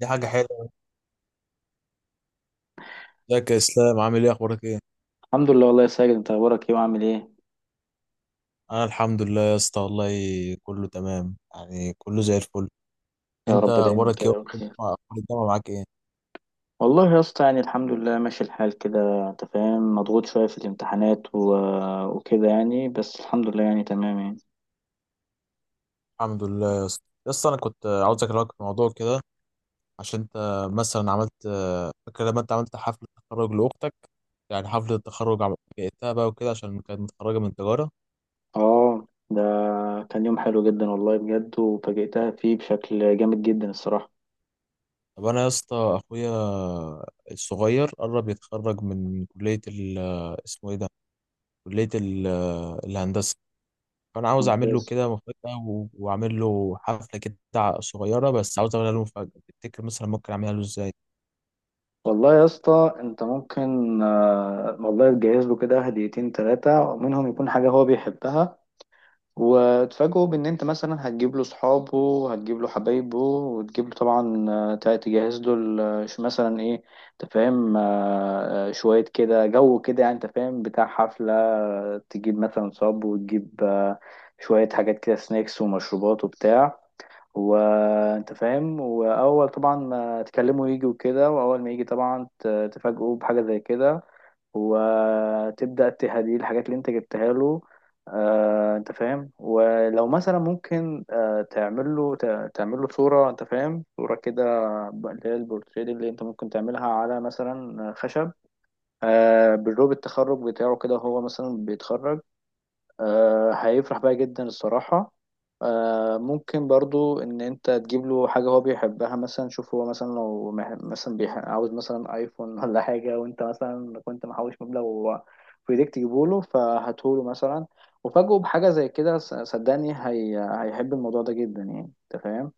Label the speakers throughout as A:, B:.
A: دي حاجة حلوة. ازيك يا اسلام؟ عامل ايه؟ اخبارك ايه؟
B: الحمد لله والله يا ساجد، انت اخبارك ايه وعامل ايه؟
A: انا الحمد لله يا اسطى والله. كله تمام، يعني كله زي الفل.
B: يا
A: انت
B: رب دايما
A: اخبارك ايه؟
B: كده بخير.
A: اخبار الجامعة معاك ايه؟
B: والله يا اسطى يعني الحمد لله ماشي الحال كده، انت فاهم؟ مضغوط شويه في الامتحانات وكده يعني، بس الحمد لله يعني تمام يعني.
A: الحمد لله يا اسطى. يا اسطى، انا كنت عاوز اكلمك في موضوع كده. عشان انت مثلا عملت، فاكر لما انت عملت حفلة تخرج لاختك؟ يعني حفلة التخرج جئتها بقى وكده، عشان كانت متخرجة من تجارة.
B: اه، ده كان يوم حلو جدا والله بجد، وفاجئتها فيه بشكل جامد جدا الصراحه.
A: طب انا يا اسطى، اخويا الصغير قرب يتخرج من كلية اسمه ايه ده، كلية الهندسة. فانا عاوز اعمل له
B: ممتاز
A: كده مفاجأة، واعمل له حفلة كده صغيرة. بس عاوز اعملها له مفاجأة. تفتكر مثلا ممكن اعملها له ازاي؟
B: والله يا اسطى، انت ممكن والله تجهز له كده هديتين ثلاثه، منهم يكون حاجه هو بيحبها. وتفاجئه بان انت مثلا هتجيب له صحابه، وهتجيب له حبايبه، وتجيب له طبعا، تجهز له مثلا ايه، انت فاهم؟ شويه كده جو كده يعني، انت فاهم؟ بتاع حفله، تجيب مثلا صاب، وتجيب شويه حاجات كده، سناكس ومشروبات وبتاع، وانت فاهم. واول طبعا ما تكلموا يجي وكده، واول ما يجي طبعا تفاجئوه بحاجه زي كده، وتبدا تهديه الحاجات اللي انت جبتها له. انت فاهم؟ ولو مثلا ممكن تعمل له صوره، انت فاهم؟ صوره كده، اللي هي البورتريه، اللي انت ممكن تعملها على مثلا خشب، بالروب التخرج بتاعه كده، هو مثلا بيتخرج. هيفرح بيها جدا الصراحة. ممكن برضو ان انت تجيب له حاجة هو بيحبها، مثلا شوف هو مثلا لو عاوز مثلا ايفون ولا حاجة، وانت مثلا كنت محوش مبلغ في ايديك تجيبه له، فهاتهوله مثلا، وفاجئه بحاجة زي كده. صدقني هيحب الموضوع ده جدا يعني، انت فاهم؟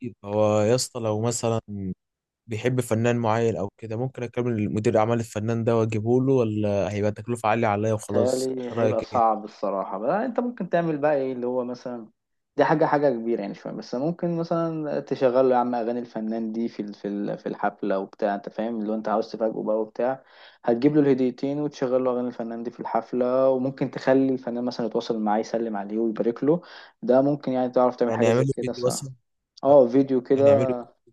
A: طيب، هو يا اسطى لو مثلا بيحب فنان معين او كده، ممكن اكلم مدير اعمال الفنان ده واجيبه له، ولا هيبقى تكلفة عالية عليا وخلاص؟
B: تهيألي
A: إيه
B: هيبقى
A: رايك ايه؟
B: صعب الصراحة بقى. انت ممكن تعمل بقى ايه اللي هو مثلا، دي حاجة حاجة كبيرة يعني شوية، بس ممكن مثلا تشغل له يا عم أغاني الفنان دي في الحفلة وبتاع، أنت فاهم؟ اللي هو أنت عاوز تفاجئه بقى وبتاع. هتجيب له الهديتين وتشغل له أغاني الفنان دي في الحفلة، وممكن تخلي الفنان مثلا يتواصل معاه يسلم عليه ويبارك له. ده ممكن يعني تعرف تعمل
A: يعني
B: حاجة زي
A: اعمله
B: كده
A: فيديو
B: الصراحة.
A: مثلا؟
B: اه، فيديو
A: يعني اعمله
B: كده،
A: فيديو.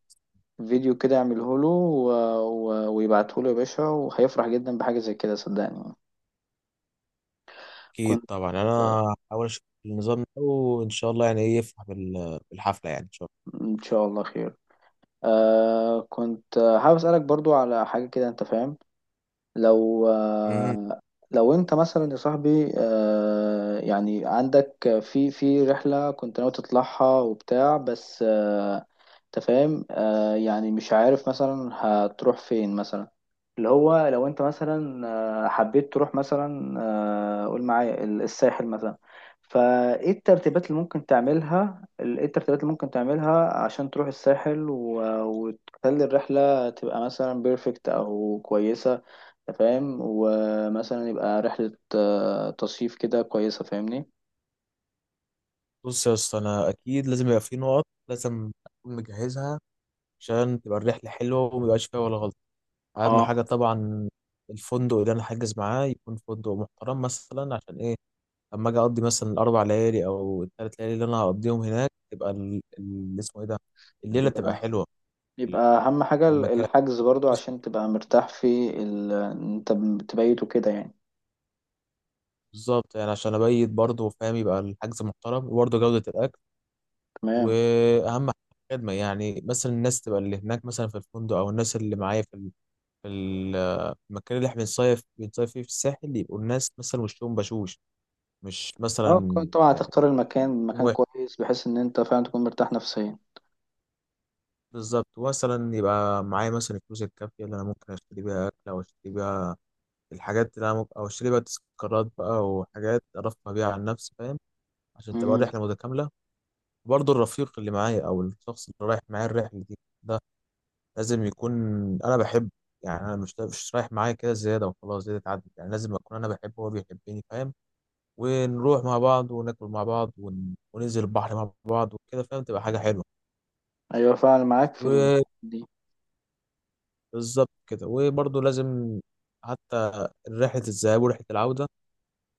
B: فيديو كده اعمله له ويبعته له يا باشا، وهيفرح جدا بحاجة زي كده صدقني.
A: اكيد
B: كنت
A: طبعا. انا هحاول اشوف النظام ده، وان شاء الله يعني ايه يفرح بالحفلة. يعني ان شاء
B: إن شاء الله خير. كنت حابب أسألك برضو على حاجة كده، أنت فاهم؟ لو
A: الله مهم.
B: آه، لو انت مثلا يا صاحبي يعني عندك في رحلة كنت ناوي تطلعها وبتاع، بس انت فاهم؟ يعني مش عارف مثلا هتروح فين مثلا، اللي هو لو انت مثلا حبيت تروح مثلا، قول معايا الساحل مثلا، فايه الترتيبات اللي ممكن تعملها ايه الترتيبات اللي ممكن تعملها عشان تروح الساحل وتخلي الرحلة تبقى مثلا بيرفكت او كويسة، أنت فاهم؟ ومثلا يبقى رحلة تصيف كده كويسة، فاهمني؟
A: بص يا اسطى، انا اكيد لازم يبقى في نقط لازم اكون مجهزها، عشان تبقى الرحلة حلوة وميبقاش فيها ولا غلطة. أهم
B: اه،
A: حاجة طبعا الفندق اللي أنا حاجز معاه يكون فندق محترم، مثلا عشان إيه؟ لما أجي أقضي مثلا الأربع ليالي أو الثلاث ليالي اللي أنا هقضيهم هناك، تبقى اللي اسمه إيه ده، الليلة تبقى
B: يبقى
A: حلوة.
B: أهم حاجة
A: في المكان
B: الحجز برضو
A: بس.
B: عشان تبقى مرتاح في أنت تبيته كده يعني.
A: بالظبط يعني عشان أبيت برضه فاهم، يبقى الحجز محترم وبرضه جودة الأكل.
B: تمام.
A: وأهم حاجة الخدمة، يعني مثلا الناس تبقى اللي هناك مثلا في الفندق أو الناس اللي معايا في ال- المكان اللي إحنا بنصيف فيه في الساحل، يبقوا الناس مثلا وشهم بشوش، مش
B: اه،
A: مثلا
B: كنت طبعا
A: يعني
B: هتختار المكان، مكان
A: واحد.
B: كويس بحيث إن أنت فعلا تكون مرتاح نفسيا.
A: بالظبط، مثلا يبقى معايا مثلا الفلوس الكافية اللي أنا ممكن أشتري بيها أكل، أو أشتري بيها الحاجات اللي أنا ممكن أو أشتري بيها تذكارات بقى، وحاجات أرفه بيها عن نفسي فاهم، عشان تبقى
B: مم.
A: الرحلة متكاملة. برضه الرفيق اللي معايا أو الشخص اللي رايح معايا الرحلة دي ده، لازم يكون أنا بحبه. يعني أنا مش رايح معايا كده زيادة وخلاص، زيادة تعدي. يعني لازم أكون أنا بحبه وهو بيحبني فاهم. ونروح مع بعض وناكل مع بعض وننزل البحر مع بعض وكده فاهم، تبقى حاجة
B: أيوة فعلا معاك في
A: حلوة.
B: دي.
A: بالظبط كده، وبرضه لازم حتى رحلة الذهاب ورحلة العودة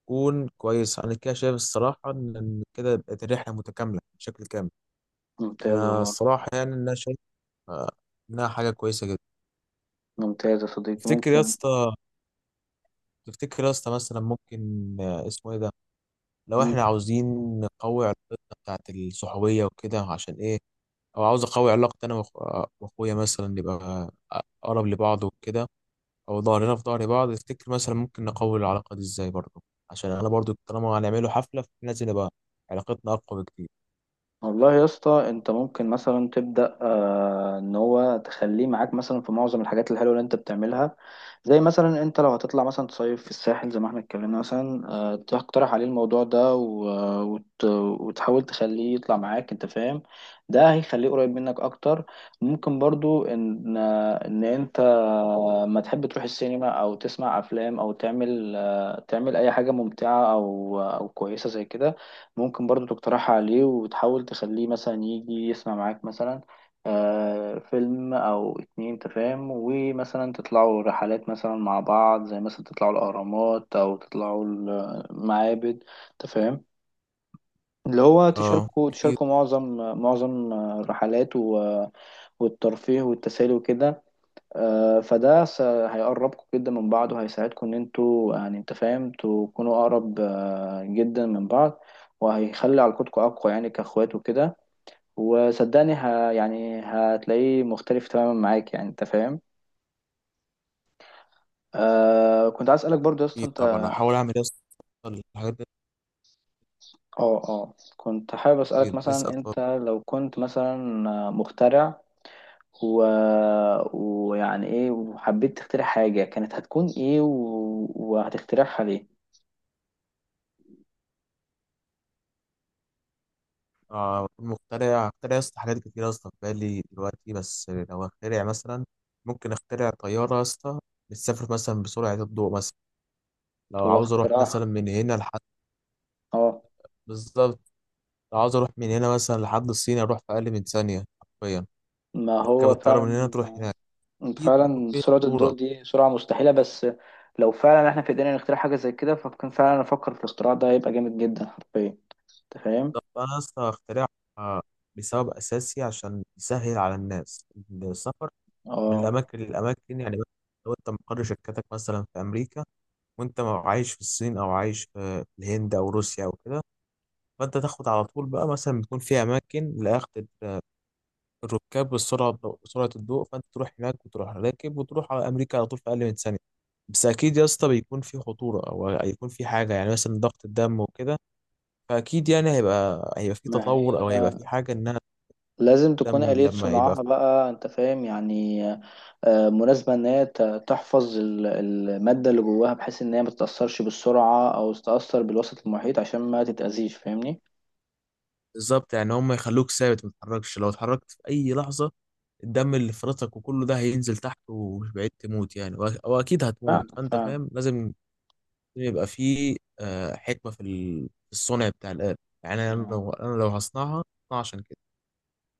A: تكون كويسة. أنا كده شايف الصراحة إن كده بقت الرحلة متكاملة بشكل كامل.
B: ممتاز
A: أنا
B: والله.
A: الصراحة يعني إن أنا شايف آه، إنها حاجة كويسة جدا.
B: ممتاز يا صديقي،
A: تفتكر يا
B: ممكن.
A: اسطى تفتكر يا اسطى مثلا ممكن اسمه إيه ده، لو إحنا عاوزين نقوي علاقتنا بتاعت الصحوبية وكده، عشان إيه؟ أو عاوز أقوي علاقتي أنا وأخويا، مثلا نبقى أقرب لبعض وكده، او ظهرنا في ظهر بعض. تفتكر مثلا ممكن نقوي العلاقه دي ازاي برضه؟ عشان انا برضه طالما هنعمله حفله، فلازم نبقى علاقتنا اقوى بكتير.
B: والله يا اسطى انت ممكن مثلا تبدا ان هو تخليه معاك مثلا في معظم الحاجات الحلوه اللي انت بتعملها. زي مثلا انت لو هتطلع مثلا تصيف في الساحل زي ما احنا اتكلمنا مثلا، تقترح عليه الموضوع ده وتحاول تخليه يطلع معاك، انت فاهم؟ ده هيخليه قريب منك اكتر. ممكن برضو ان انت ما تحب تروح السينما او تسمع افلام او تعمل اي حاجه ممتعه او كويسه زي كده. ممكن برضو تقترحها عليه، وتحاول تخليه مثلا يجي يسمع معاك مثلا فيلم أو اتنين. تفاهم؟ ومثلا تطلعوا رحلات مثلا مع بعض، زي مثلا تطلعوا الأهرامات أو تطلعوا المعابد. تفاهم؟ اللي هو
A: اه،
B: تشاركوا
A: اكيد.
B: تشاركوا معظم الرحلات والترفيه والتسالي وكده. فده هيقربكم جدا من بعض، وهيساعدكم ان انتوا يعني، انت فاهم؟ تكونوا اقرب جدا من بعض، وهيخلي علاقتكم اقوى، يعني كاخوات وكده. وصدقني يعني هتلاقيه مختلف تماما معاك، يعني انت فاهم؟ كنت عايز اسالك برضو يا اسطى
A: اكيد
B: انت.
A: طبعا هحاول اعمل يا اسطى الحاجات دي.
B: اه كنت حابب اسالك
A: اكيد، لسه
B: مثلا
A: أطلع-.
B: انت لو كنت مثلا مخترع و... ويعني ايه، وحبيت تخترع حاجة كانت هتكون ايه وهتخترعها ليه؟
A: مخترع، اخترع يا اسطى حاجات كتير يا اسطى في بالي دلوقتي، بس لو اخترع مثلا، ممكن اخترع طياره يا اسطى بتسافر مثلا بسرعه الضوء مثلا، لو
B: هو
A: عاوز اروح
B: اختراع.
A: مثلا من هنا لحد.
B: اه،
A: بالظبط. لو عاوز اروح من هنا مثلا لحد الصين اروح في اقل من ثانيه حرفيا.
B: ما
A: تركب
B: هو
A: الطياره من
B: فعلا.
A: هنا تروح هناك. اكيد بيكون
B: فعلا
A: فيه
B: سرعة الضوء
A: خطوره.
B: دي سرعة مستحيلة، بس لو فعلا احنا في ايدينا نخترع حاجة زي كده فكان فعلا افكر في الاختراع ده، هيبقى جامد جدا حرفيا، انت فاهم؟
A: طب انا اصلا هخترعها بسبب اساسي عشان يسهل على الناس السفر من
B: اه،
A: الاماكن للاماكن، يعني مثلاً لو انت مقر شركتك مثلا في امريكا، وانت عايش في الصين او عايش في الهند او روسيا او كده، فانت تاخد على طول بقى. مثلا بتكون في اماكن لاخذ الركاب بالسرعه، بسرعه الضوء، فانت تروح هناك وتروح راكب وتروح على امريكا على طول في اقل من ثانيه. بس اكيد يا اسطى بيكون في خطوره او هيكون في حاجه، يعني مثلا ضغط الدم وكده. فاكيد يعني هيبقى في
B: ما
A: تطور، او هيبقى
B: هي
A: في حاجه انها
B: لازم تكون
A: تهتم
B: آلية
A: لما يبقى
B: صنعها بقى، انت فاهم يعني مناسبة، ان هي تحفظ المادة اللي جواها، بحيث ان هي ما تتأثرش بالسرعة او تتأثر بالوسط المحيط عشان ما تتأذيش، فاهمني؟
A: بالظبط، يعني هم يخلوك ثابت ما تتحركش، لو اتحركت في اي لحظه الدم اللي في فرطك وكله ده هينزل تحت ومش بعيد تموت يعني. واكيد هتموت.
B: فعلا
A: فانت
B: فعلا.
A: فاهم لازم يبقى في حكمه في الصنع بتاع الآلة. يعني انا لو هصنعها، هصنعها عشان كده.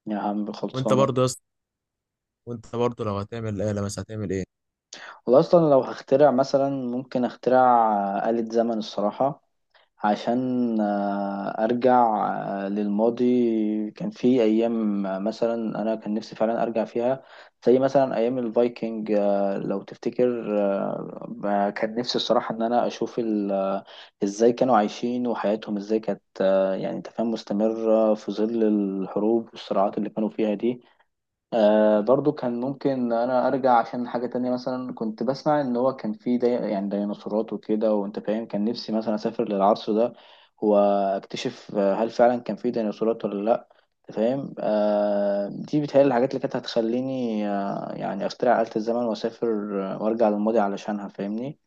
B: يا عم
A: وانت
B: خلصانة.
A: برضه يا اسطى وانت برضه لو هتعمل آلة مثلا هتعمل ايه؟
B: والله اصلا لو هخترع مثلا ممكن اخترع آلة زمن الصراحة، عشان ارجع للماضي. كان في ايام مثلا انا كان نفسي فعلا ارجع فيها، زي مثلا ايام الفايكنج. لو تفتكر، كان نفسي الصراحة ان انا اشوف ازاي كانوا عايشين، وحياتهم ازاي كانت يعني انت فاهم؟ مستمرة في ظل الحروب والصراعات اللي كانوا فيها دي. برضو كان ممكن انا ارجع عشان حاجة تانية، مثلا كنت بسمع ان هو كان في دي يعني ديناصورات وكده، وانت فاهم؟ كان نفسي مثلا اسافر للعصر ده واكتشف هل فعلا كان في ديناصورات ولا لا، انت فاهم؟ دي بتهيألي الحاجات اللي كانت هتخليني يعني اخترع آلة الزمن واسافر وارجع للماضي علشانها، فاهمني؟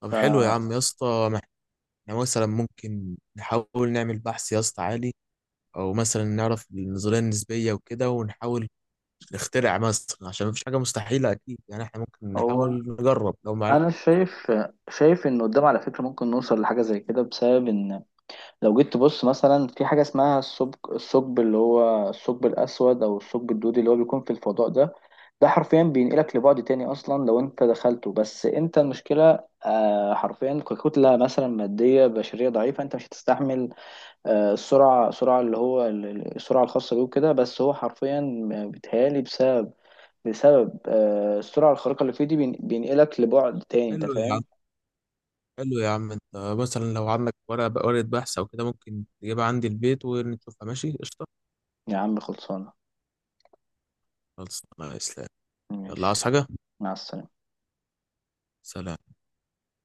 A: طب حلو يا عم يا اسطى، احنا مثلا ممكن نحاول نعمل بحث يا اسطى عالي، او مثلا نعرف النظريه النسبيه وكده، ونحاول نخترع مثلا، عشان مفيش حاجه مستحيله اكيد. يعني احنا ممكن نحاول
B: فهو
A: نجرب، لو ما عرفت.
B: انا شايف، شايف ان قدام على فكرة ممكن نوصل لحاجة زي كده، بسبب ان لو جيت تبص مثلا في حاجة اسمها الثقب، اللي هو الثقب الأسود أو الثقب الدودي، اللي هو بيكون في الفضاء ده، ده حرفيا بينقلك لبعد تاني أصلا لو أنت دخلته. بس أنت المشكلة حرفيا ككتلة مثلا مادية بشرية ضعيفة، أنت مش هتستحمل آه، السرعة السرعة اللي هو ال- ال- السرعة الخاصة بيه وكده. بس هو حرفيا بيتهيألي بسبب السرعة الخارقة اللي فيه دي بينقلك لبعد تاني، أنت
A: حلو يا عم
B: فاهم؟
A: حلو يا عم انت مثلا لو عندك ورقه بحث او كده، ممكن تجيبها عندي البيت ونشوفها. ماشي قشطه.
B: يا عم خلصانة.
A: خلاص، الله يسلمك. يلا،
B: ماشي.
A: عاوز حاجه؟
B: مع السلامة.
A: سلام.